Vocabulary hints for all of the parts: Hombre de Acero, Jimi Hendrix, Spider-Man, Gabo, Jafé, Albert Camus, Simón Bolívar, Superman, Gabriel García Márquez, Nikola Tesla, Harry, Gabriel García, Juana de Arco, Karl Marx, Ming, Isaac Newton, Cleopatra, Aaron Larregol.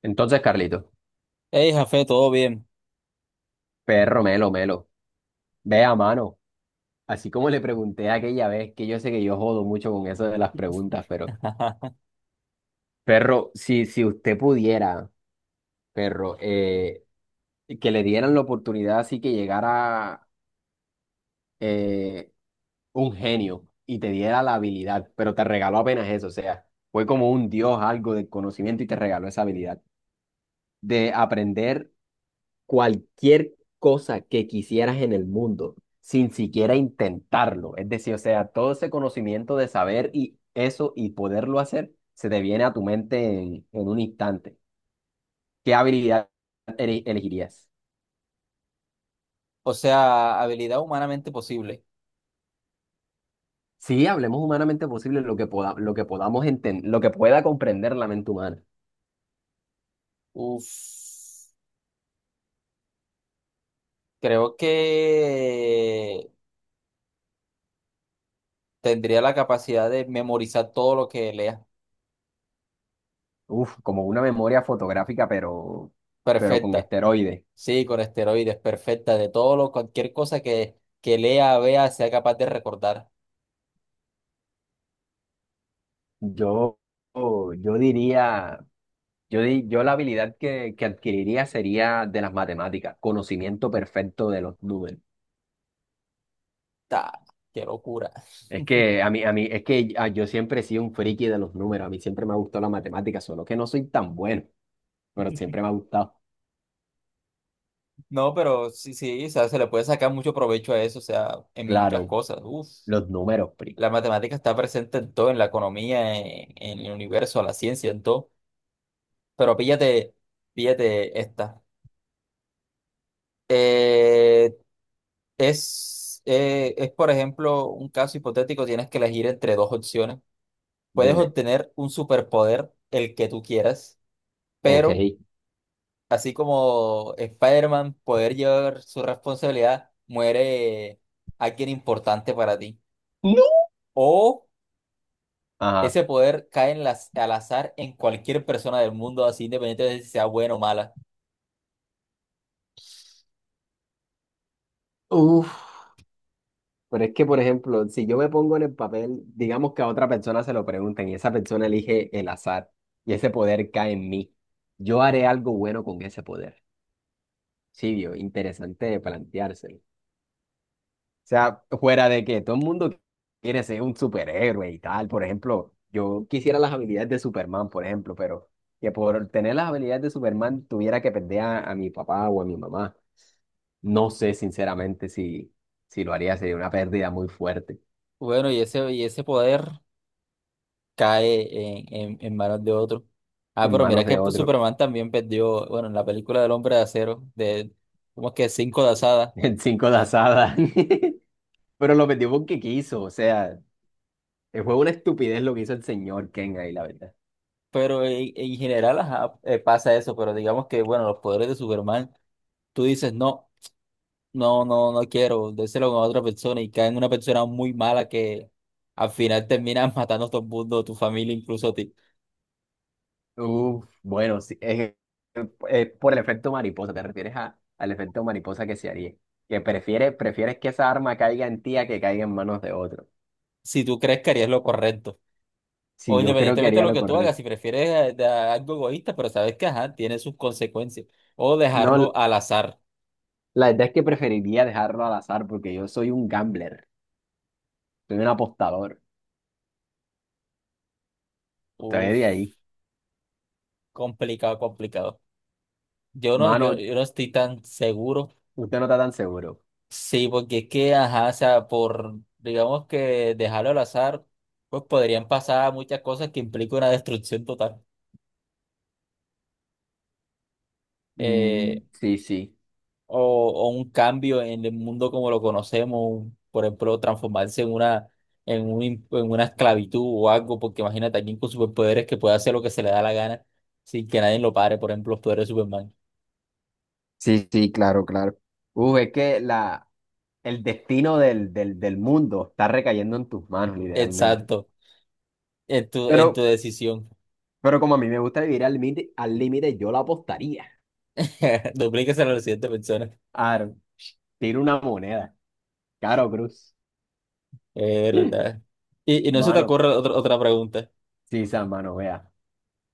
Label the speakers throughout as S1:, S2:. S1: Entonces, Carlito,
S2: Hey, Jafé, todo bien.
S1: perro melo, melo, ve a mano. Así como le pregunté aquella vez, que yo sé que yo jodo mucho con eso de las preguntas, pero, perro, si usted pudiera, perro, que le dieran la oportunidad así que llegara eh, un genio y te diera la habilidad, pero te regaló apenas eso, o sea, fue como un dios, algo de conocimiento y te regaló esa habilidad de aprender cualquier cosa que quisieras en el mundo sin siquiera intentarlo. Es decir, o sea, todo ese conocimiento de saber y eso y poderlo hacer se te viene a tu mente en un instante. ¿Qué habilidad elegirías?
S2: O sea, habilidad humanamente posible.
S1: Sí, hablemos humanamente posible lo que lo que pueda comprender la mente humana.
S2: Uf, creo que tendría la capacidad de memorizar todo lo que lea.
S1: Uf, como una memoria fotográfica, pero con
S2: Perfecta.
S1: esteroides.
S2: Sí, con esteroides, perfecta. De todo lo, cualquier cosa que lea, vea, sea capaz de recordar.
S1: Yo, yo diría Yo, di- yo la habilidad que adquiriría sería de las matemáticas, conocimiento perfecto de los números.
S2: Ta, ¡qué locura!
S1: Es que a mí, es que yo siempre he sido un friki de los números, a mí siempre me ha gustado la matemática, solo que no soy tan bueno, pero siempre me ha gustado.
S2: No, pero sí, sí, o sea, se le puede sacar mucho provecho a eso, o sea, en muchas
S1: Claro,
S2: cosas. Uf.
S1: los números, pri.
S2: La matemática está presente en todo, en la economía, en el universo, la ciencia, en todo. Pero píllate, píllate esta. Eh, es, por ejemplo, un caso hipotético, tienes que elegir entre dos opciones. Puedes
S1: Dime.
S2: obtener un superpoder, el que tú quieras,
S1: Ok.
S2: pero así como Spider-Man, poder llevar su responsabilidad, muere alguien importante para ti.
S1: No.
S2: O
S1: Ajá.
S2: ese poder cae en las, al azar en cualquier persona del mundo, así independiente de si sea buena o mala.
S1: Uf, pero es que, por ejemplo, si yo me pongo en el papel, digamos que a otra persona se lo pregunten y esa persona elige el azar y ese poder cae en mí, yo haré algo bueno con ese poder. Sí, vio, interesante de planteárselo. O sea, fuera de que todo el mundo quiere ser un superhéroe y tal, por ejemplo, yo quisiera las habilidades de Superman, por ejemplo, pero que por tener las habilidades de Superman tuviera que perder a mi papá o a mi mamá. No sé, sinceramente, si lo haría, sería una pérdida muy fuerte
S2: Bueno, y ese poder cae en manos de otro. Ah,
S1: en
S2: pero mira
S1: manos
S2: que
S1: de
S2: pues,
S1: otro.
S2: Superman también perdió, bueno, en la película del Hombre de Acero, de como que cinco de asada,
S1: El cinco de asada. Pero lo metió porque quiso, o sea, fue una estupidez lo que hizo el señor Ken ahí, la verdad.
S2: pero en general ajá, pasa eso, pero digamos que, bueno, los poderes de Superman, tú dices, no, no quiero, déselo a otra persona y cae en una persona muy mala que al final termina matando a todo el mundo, tu familia incluso a ti.
S1: Uf, bueno, sí, es que, por el efecto mariposa, te refieres al efecto mariposa que se haría, que prefieres, prefieres que esa arma caiga en ti a que caiga en manos de otro.
S2: Si tú crees que harías lo correcto. O
S1: Sí, yo creo que
S2: independientemente de
S1: haría
S2: lo
S1: lo
S2: que tú hagas,
S1: correcto.
S2: si prefieres de- algo egoísta, pero sabes que ajá, tiene sus consecuencias. O
S1: No,
S2: dejarlo al azar.
S1: la verdad es que preferiría dejarlo al azar porque yo soy un gambler, soy un apostador, estoy
S2: Uf,
S1: de ahí.
S2: complicado, complicado. Yo no, yo,
S1: Mano,
S2: yo no estoy tan seguro.
S1: usted no está tan seguro.
S2: Sí, porque es que, ajá, o sea, por, digamos que dejarlo al azar, pues podrían pasar muchas cosas que implican una destrucción total. Eh,
S1: Mm, sí, sí.
S2: o un cambio en el mundo como lo conocemos, un- por ejemplo, transformarse en una, en un, in- en una esclavitud o algo, porque imagínate alguien con superpoderes que puede hacer lo que se le da la gana sin que nadie lo pare, por ejemplo, los poderes de Superman.
S1: Sí, sí, claro, claro. Uf, es que el destino del mundo está recayendo en tus manos, literalmente.
S2: Exacto, en tu
S1: Pero
S2: decisión.
S1: Pero como a mí me gusta vivir al límite, yo la apostaría.
S2: Duplíquese a la siguiente persona.
S1: Aro, tiro una moneda. Caro Cruz.
S2: Es verdad. Y no se te
S1: Mano,
S2: ocurre otra, otra pregunta.
S1: sí, San, mano, vea.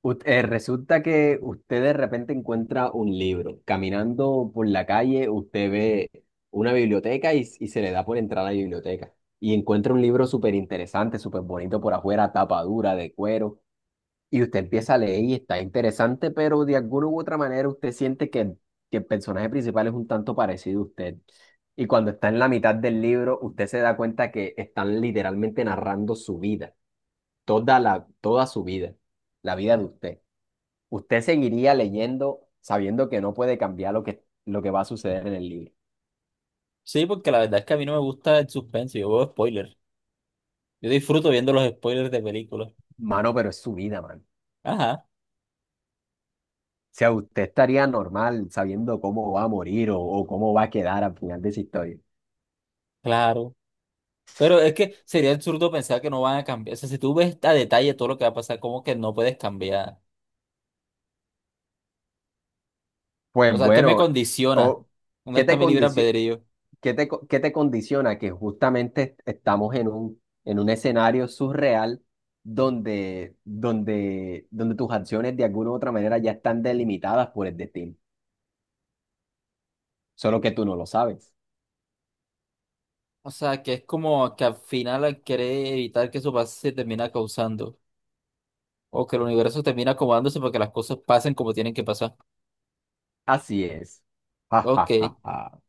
S1: Resulta que usted de repente encuentra un libro. Caminando por la calle, usted ve una biblioteca y se le da por entrar a la biblioteca. Y encuentra un libro súper interesante, súper bonito por afuera, tapa dura, de cuero. Y usted empieza a leer y está interesante, pero de alguna u otra manera usted siente que el personaje principal es un tanto parecido a usted. Y cuando está en la mitad del libro, usted se da cuenta que están literalmente narrando su vida, toda su vida, la vida de usted. Usted seguiría leyendo sabiendo que no puede cambiar lo que va a suceder en el libro.
S2: Sí, porque la verdad es que a mí no me gusta el suspense, yo veo spoilers. Yo disfruto viendo los spoilers de películas.
S1: Mano, pero es su vida, mano.
S2: Ajá,
S1: O sea, usted estaría normal sabiendo cómo va a morir o cómo va a quedar al final de esa historia.
S2: claro. Pero es que sería absurdo pensar que no van a cambiar. O sea, si tú ves a detalle todo lo que va a pasar, ¿cómo que no puedes cambiar? O
S1: Pues
S2: sea, ¿qué me
S1: bueno,
S2: condiciona?
S1: o,
S2: ¿Dónde
S1: ¿qué
S2: está
S1: te
S2: mi libre
S1: condicio-
S2: albedrío?
S1: qué te condiciona? Que justamente estamos en un escenario surreal donde tus acciones de alguna u otra manera ya están delimitadas por el destino, solo que tú no lo sabes.
S2: O sea, que es como que al final quiere evitar que eso pase, se termina causando. O que el universo termina acomodándose para que las cosas pasen como tienen que pasar.
S1: Así es. Ja,
S2: Ok.
S1: ja, ja, ja.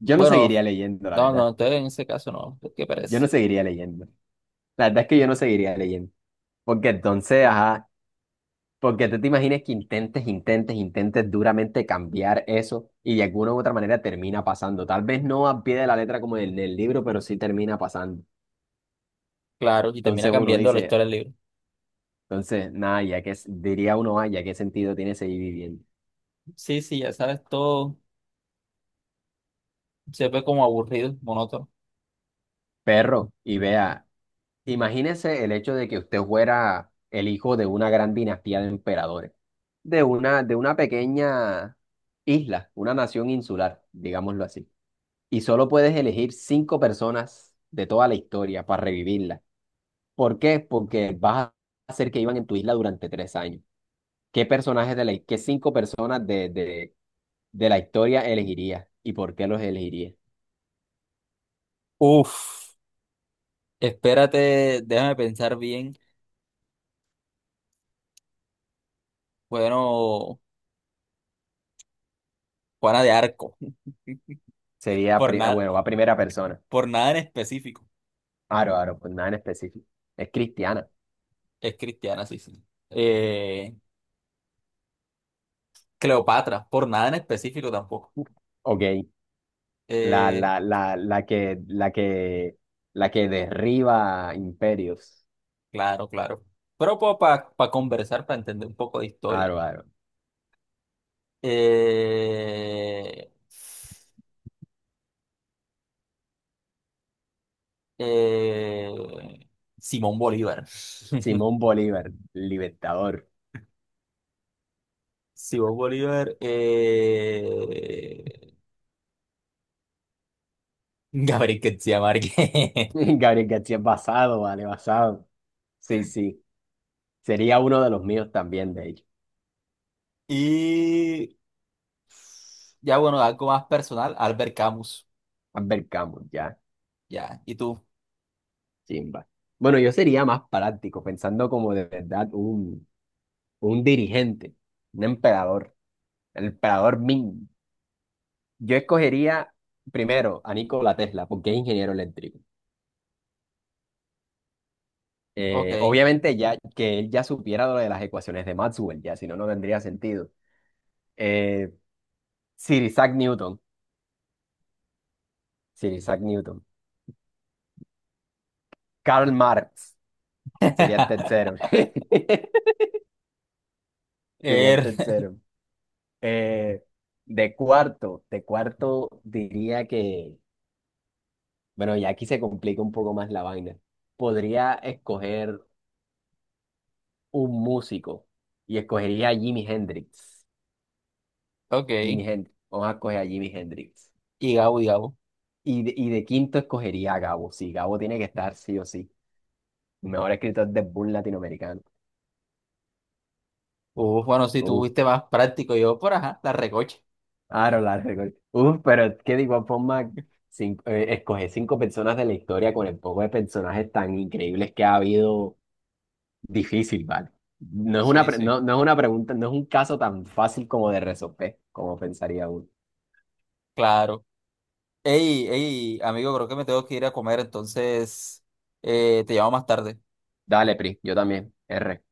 S1: Yo no
S2: Bueno,
S1: seguiría leyendo, la
S2: no, no,
S1: verdad.
S2: entonces en ese caso no. ¿Qué
S1: Yo no
S2: parece?
S1: seguiría leyendo. La verdad es que yo no seguiría leyendo. Porque entonces, ajá. Porque tú te imaginas que intentes, intentes, intentes duramente cambiar eso y de alguna u otra manera termina pasando. Tal vez no al pie de la letra como en el libro, pero sí termina pasando.
S2: Claro, y termina
S1: Entonces uno
S2: cambiando la
S1: dice,
S2: historia del libro.
S1: entonces, nada, ya que diría uno, ah, ya qué sentido tiene seguir viviendo.
S2: Sí, sí, ya sabes, todo se ve como aburrido, monótono.
S1: Perro, y vea, imagínese el hecho de que usted fuera el hijo de una gran dinastía de emperadores, de una pequeña isla, una nación insular, digámoslo así. Y solo puedes elegir cinco personas de toda la historia para revivirla. ¿Por qué? Porque vas a hacer que iban en tu isla durante 3 años. ¿ Qué cinco personas de la historia elegirías y por qué los elegirías?
S2: Uf. Espérate, déjame pensar bien. Bueno, Juana de Arco, por nada,
S1: Bueno, va primera persona.
S2: por nada en específico.
S1: Aro, aro, pues nada en específico. Es cristiana.
S2: Es cristiana, sí, sí. Eh, Cleopatra, por nada en específico tampoco.
S1: Ok. La,
S2: Eh,
S1: la, la, la que, la que, la que derriba imperios.
S2: claro, claro. Pero para conversar, para entender un poco de historia.
S1: Aro, aro.
S2: Eh, eh, Simón Bolívar.
S1: Simón Bolívar, libertador.
S2: Simón Bolívar. Gabriel García Márquez.
S1: Gabriel García es basado, vale, basado. Sí, sí. Sería uno de los míos también, de hecho.
S2: Y ya bueno, algo más personal, Albert Camus.
S1: Albert Camus, ya,
S2: Ya, ¿y tú?
S1: chimba. Bueno, yo sería más práctico, pensando como de verdad un dirigente, un emperador, el emperador Ming. Yo escogería primero a Nikola Tesla, porque es ingeniero eléctrico.
S2: Ok.
S1: Obviamente ya que él ya supiera lo de las ecuaciones de Maxwell, ya, si no, no tendría sentido. Eh, Sir Isaac Newton, Sir Isaac Newton. Karl Marx. Sería tercero. Sería
S2: Er,
S1: tercero. Eh, de cuarto diría que, bueno, ya aquí se complica un poco más la vaina. Podría escoger un músico y escogería a Jimi Hendrix.
S2: ok.
S1: Jimi Hendrix. Vamos a escoger a Jimi Hendrix.
S2: Y Gabo, y Gabo.
S1: Y de quinto escogería a Gabo. Sí, Gabo tiene que estar sí o sí. Mejor escritor de boom latinoamericano.
S2: Bueno, si tú
S1: Uf,
S2: fuiste más práctico, yo por ajá, la recocha.
S1: Aaron Larregol. Uf, pero es que de igual forma, escoger cinco personas de la historia con el poco de personajes tan increíbles que ha habido, difícil, ¿vale? No es una,
S2: Sí,
S1: pre-
S2: sí,
S1: no, no es una pregunta, no es un caso tan fácil como de resolver, como pensaría uno.
S2: claro. Ey, ey, amigo, creo que me tengo que ir a comer, entonces te llamo más tarde.
S1: Dale, Pri, yo también. R.